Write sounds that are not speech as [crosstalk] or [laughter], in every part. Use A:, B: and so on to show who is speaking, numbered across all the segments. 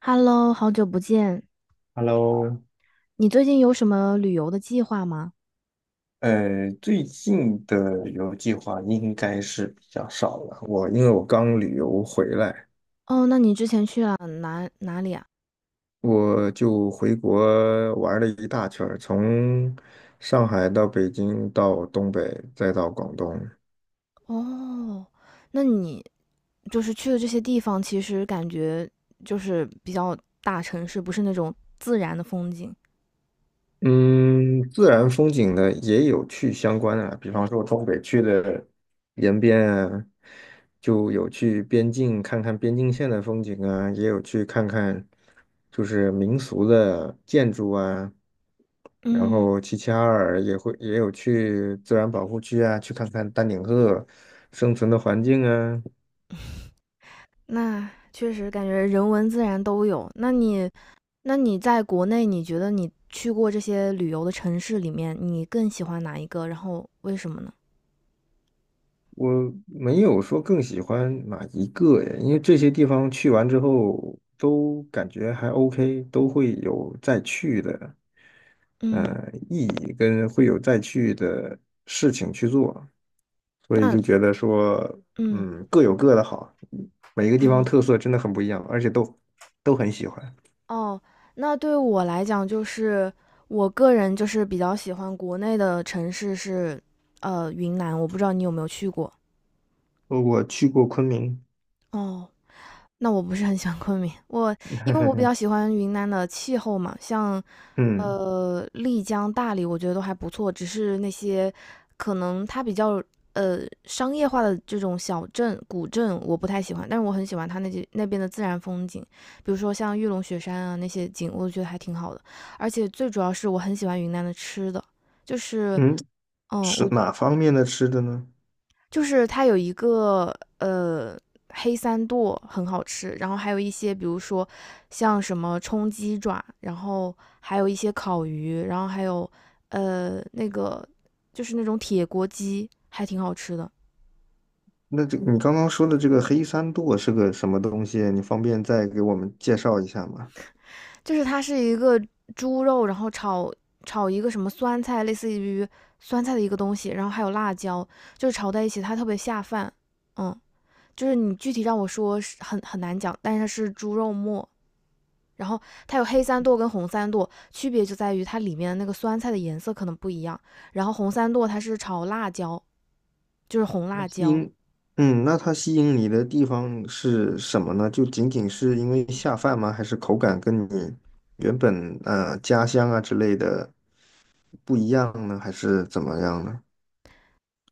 A: Hello，好久不见。
B: Hello，
A: 你最近有什么旅游的计划吗？
B: 最近的旅游计划应该是比较少了。我因为我刚旅游回来，
A: 哦，那你之前去了哪里啊？
B: 我就回国玩了一大圈儿，从上海到北京，到东北，再到广东。
A: 哦，那你就是去的这些地方，其实感觉就是比较大城市，不是那种自然的风景。
B: 嗯，自然风景呢也有去相关的，比方说东北去的延边啊，就有去边境看看边境线的风景啊，也有去看看就是民俗的建筑啊。然
A: 嗯，
B: 后齐齐哈尔也有去自然保护区啊，去看看丹顶鹤生存的环境啊。
A: 那确实感觉人文自然都有。那你在国内，你觉得你去过这些旅游的城市里面，你更喜欢哪一个？然后为什么呢？
B: 我没有说更喜欢哪一个呀，因为这些地方去完之后都感觉还 OK,都会有再去的
A: 嗯，
B: 意义，跟会有再去的事情去做，所以
A: 那
B: 就觉得说，
A: 嗯
B: 嗯，各有各的好，每一个地方
A: 嗯。
B: 特色真的很不一样，而且都很喜欢。
A: 哦，那对我来讲，就是我个人就是比较喜欢国内的城市是，云南。我不知道你有没有去过。
B: 我去过昆明。
A: 哦，那我不是很喜欢昆明，我因为我比较
B: [laughs]
A: 喜欢云南的气候嘛，像
B: 嗯
A: 丽江、大理，我觉得都还不错，只是那些可能它比较商业化的这种小镇、古镇，我不太喜欢，但是我很喜欢它那边的自然风景，比如说像玉龙雪山啊那些景，我觉得还挺好的，而且最主要是我很喜欢云南的吃的，就是
B: 嗯，
A: 嗯，
B: 是
A: 我
B: 哪方面的吃的呢？
A: 就是它有一个黑三剁很好吃，然后还有一些比如说像什么冲鸡爪，然后还有一些烤鱼，然后还有呃那个就是那种铁锅鸡，还挺好吃的。
B: 那这你刚刚说的这个黑三剁是个什么东西啊？你方便再给我们介绍一下吗？
A: 就是它是一个猪肉，然后炒一个什么酸菜，类似于酸菜的一个东西，然后还有辣椒，就是炒在一起，它特别下饭。嗯，就是你具体让我说是很难讲，但是它是猪肉末，然后它有黑三剁跟红三剁，区别就在于它里面的那个酸菜的颜色可能不一样。然后红三剁它是炒辣椒，就是红
B: 那
A: 辣
B: 吸
A: 椒，
B: 引，嗯，那它吸引你的地方是什么呢？就仅仅是因为下饭吗？还是口感跟你原本家乡啊之类的不一样呢？还是怎么样呢？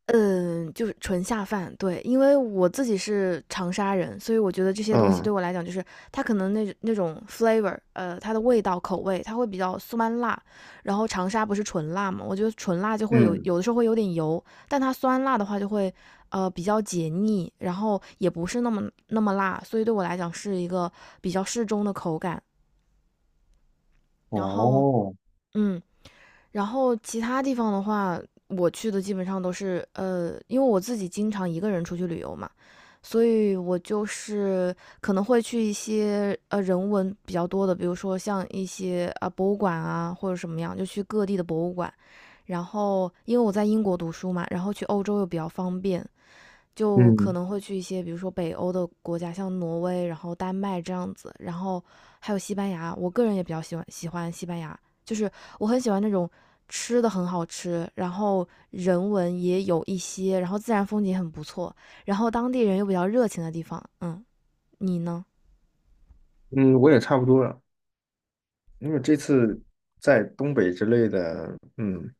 A: 嗯，就是纯下饭，对，因为我自己是长沙人，所以我觉得这些东西
B: 嗯
A: 对我来讲，就是它可能那种 flavor，它的味道口味，它会比较酸辣，然后长沙不是纯辣嘛，我觉得纯辣就会有
B: 嗯，
A: 有的时候会有点油，但它酸辣的话就会比较解腻，然后也不是那么辣，所以对我来讲是一个比较适中的口感，然后
B: 哦，
A: 嗯。然后其他地方的话，我去的基本上都是因为我自己经常一个人出去旅游嘛，所以我就是可能会去一些人文比较多的，比如说像一些啊、博物馆啊或者什么样，就去各地的博物馆。然后因为我在英国读书嘛，然后去欧洲又比较方便，就可
B: 嗯
A: 能会去一些，比如说北欧的国家，像挪威，然后丹麦这样子，然后还有西班牙。我个人也比较喜欢西班牙，就是我很喜欢那种吃的很好吃，然后人文也有一些，然后自然风景很不错，然后当地人又比较热情的地方。嗯，你呢？
B: 嗯，我也差不多了，因为这次在东北之类的，嗯。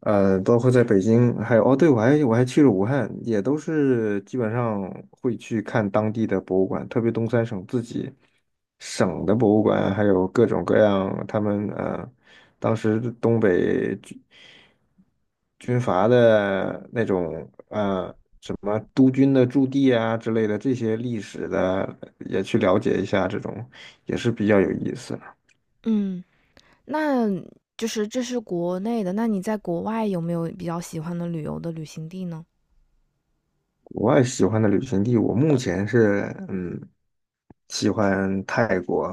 B: 呃，包括在北京，还有哦，对，我还去了武汉，也都是基本上会去看当地的博物馆，特别东三省自己省的博物馆，还有各种各样他们当时东北军军阀的那种什么督军的驻地啊之类的这些历史的，也去了解一下，这种也是比较有意思。
A: 嗯，那就是这是国内的，那你在国外有没有比较喜欢的旅游的旅行地呢？
B: 国外喜欢的旅行地，我目前是嗯喜欢泰国。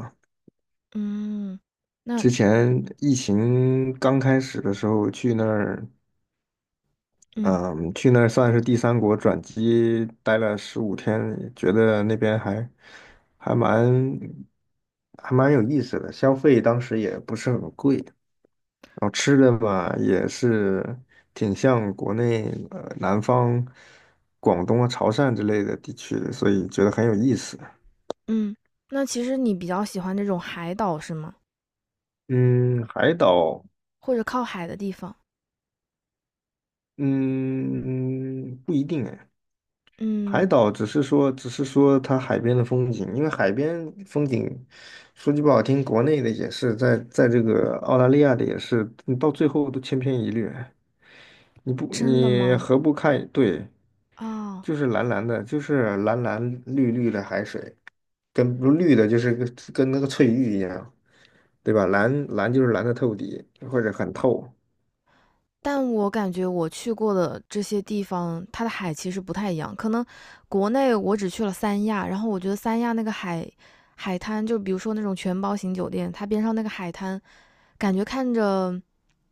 A: 嗯，那
B: 之前疫情刚开始的时候去那儿，
A: 嗯。
B: 嗯，去那儿算是第三国转机，待了15天，觉得那边还蛮还蛮有意思的，消费当时也不是很贵，然后吃的吧也是挺像国内南方广东啊潮汕之类的地区的，所以觉得很有意思。
A: 嗯，那其实你比较喜欢这种海岛是吗？
B: 嗯，海岛，
A: 或者靠海的地方？
B: 嗯，不一定哎。
A: 嗯，
B: 海岛只是说，只是说它海边的风景，因为海边风景，说句不好听，国内的也是，在这个澳大利亚的也是，你到最后都千篇一律哎。
A: 真的
B: 你
A: 吗？
B: 何不看？对，
A: 啊，
B: 就是蓝蓝的，就是蓝蓝绿绿的海水，跟不绿的就是跟那个翠玉一样，对吧？蓝蓝就是蓝的透底，或者很透。
A: 但我感觉我去过的这些地方，它的海其实不太一样。可能国内我只去了三亚，然后我觉得三亚那个海滩，就比如说那种全包型酒店，它边上那个海滩，感觉看着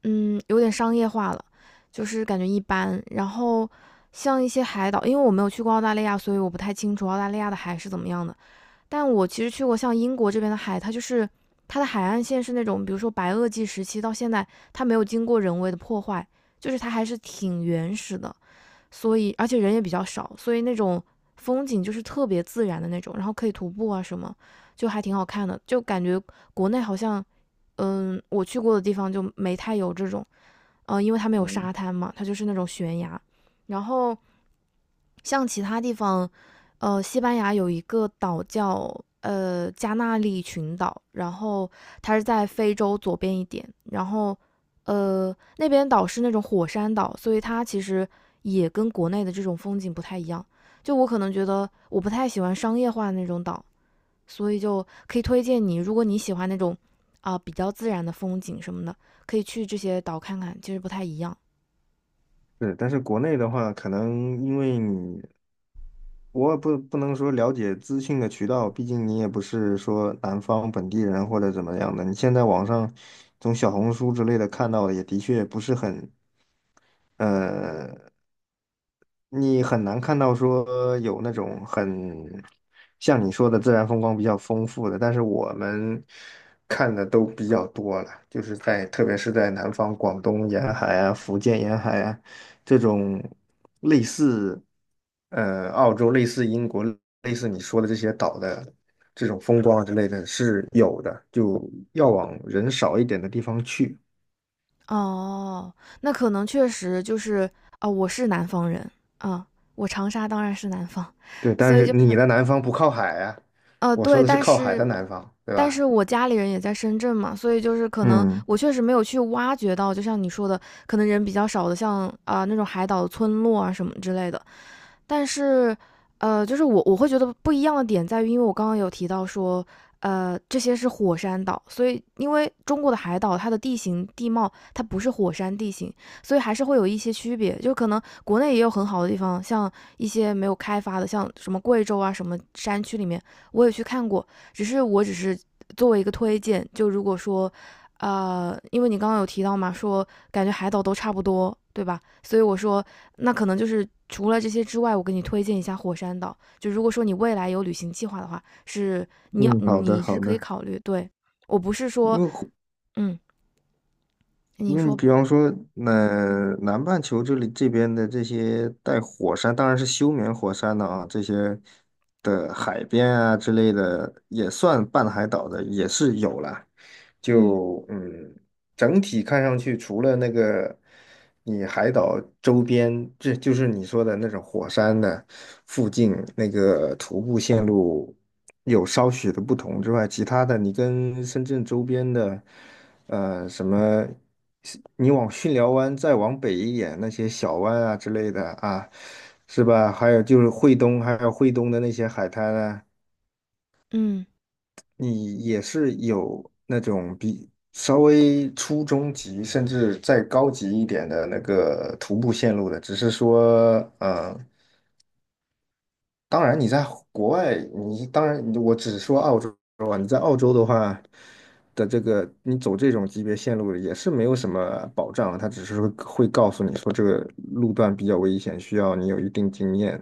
A: 嗯有点商业化了，就是感觉一般。然后像一些海岛，因为我没有去过澳大利亚，所以我不太清楚澳大利亚的海是怎么样的。但我其实去过像英国这边的海，它就是它的海岸线是那种，比如说白垩纪时期到现在，它没有经过人为的破坏，就是它还是挺原始的，所以而且人也比较少，所以那种风景就是特别自然的那种，然后可以徒步啊什么，就还挺好看的，就感觉国内好像，嗯，我去过的地方就没太有这种，因为它没有沙滩嘛，它就是那种悬崖，然后。像其他地方，西班牙有一个岛叫加那利群岛，然后它是在非洲左边一点，然后那边岛是那种火山岛，所以它其实也跟国内的这种风景不太一样。就我可能觉得我不太喜欢商业化的那种岛，所以就可以推荐你，如果你喜欢那种啊、比较自然的风景什么的，可以去这些岛看看，其实不太一样。
B: 是，但是国内的话，可能因为你，我也不能说了解资讯的渠道，毕竟你也不是说南方本地人或者怎么样的。你现在网上从小红书之类的看到的，也的确不是很，呃，你很难看到说有那种很像你说的自然风光比较丰富的，但是我们看的都比较多了，就是在特别是在南方广东沿海啊、福建沿海啊。这种类似澳洲、类似英国、类似你说的这些岛的这种风光啊之类的是有的，就要往人少一点的地方去。
A: 哦，那可能确实就是啊、我是南方人啊、我长沙当然是南方，
B: 对，
A: 所
B: 但
A: 以
B: 是
A: 就
B: 你
A: 是
B: 的南方不靠海啊，我说
A: 对，
B: 的是
A: 但
B: 靠海的
A: 是
B: 南方，对吧？
A: 我家里人也在深圳嘛，所以就是可能
B: 嗯
A: 我确实没有去挖掘到，就像你说的，可能人比较少的像，啊那种海岛村落啊什么之类的，但是，就是我会觉得不一样的点在于，因为我刚刚有提到说，这些是火山岛，所以因为中国的海岛它的地形地貌它不是火山地形，所以还是会有一些区别。就可能国内也有很好的地方，像一些没有开发的，像什么贵州啊什么山区里面，我也去看过，只是我只是作为一个推荐，就如果说，因为你刚刚有提到嘛，说感觉海岛都差不多，对吧？所以我说，那可能就是除了这些之外，我给你推荐一下火山岛。就如果说你未来有旅行计划的话，
B: 嗯，好的
A: 你是
B: 好
A: 可以
B: 的，
A: 考虑。对我不是
B: 因
A: 说，
B: 为
A: 嗯，
B: 因
A: 你
B: 为你
A: 说，
B: 比方说，那南半球这里这边的这些带火山，当然是休眠火山的啊，这些的海边啊之类的，也算半海岛的，也是有了。
A: 嗯
B: 就嗯，整体看上去，除了那个你海岛周边，这就是你说的那种火山的附近那个徒步线路有稍许的不同之外，其他的你跟深圳周边的。什么，你往巽寮湾再往北一点，那些小湾啊之类的啊，是吧？还有就是惠东，还有惠东的那些海滩啊，
A: 嗯
B: 你也是有那种比稍微初中级，甚至再高级一点的那个徒步线路的，只是说，嗯。当然你在国外，你当然我只是说澳洲啊，你在澳洲的话的这个，你走这种级别线路也是没有什么保障啊，他只是会告诉你说这个路段比较危险，需要你有一定经验。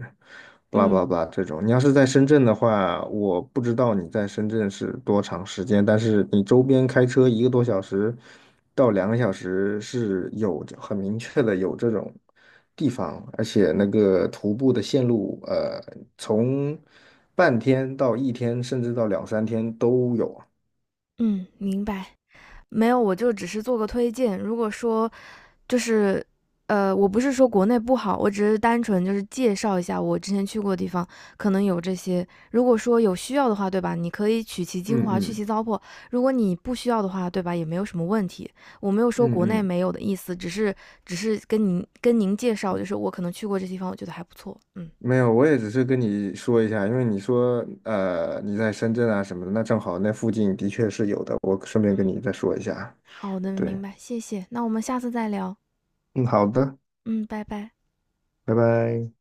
B: blah b
A: 嗯
B: l 这种。你要是在深圳的话，我不知道你在深圳是多长时间，但是你周边开车1个多小时到2个小时是有很明确的有这种地方，而且那个徒步的线路，从半天到一天，甚至到两三天都有啊。
A: 嗯，明白。没有，我就只是做个推荐。如果说就是我不是说国内不好，我只是单纯就是介绍一下我之前去过的地方，可能有这些。如果说有需要的话，对吧？你可以取其精
B: 嗯
A: 华，去其
B: 嗯
A: 糟粕。如果你不需要的话，对吧？也没有什么问题。我没有说
B: 嗯
A: 国内
B: 嗯，
A: 没有的意思，只是只是跟您介绍，就是我可能去过这地方，我觉得还不错。嗯，
B: 没有，我也只是跟你说一下，因为你说你在深圳啊什么的，那正好那附近的确是有的，我顺便跟你再说一下啊。
A: 好的，
B: 对，
A: 明白，谢谢。那我们下次再聊。
B: 嗯，好的，
A: 嗯，拜拜。
B: 拜拜。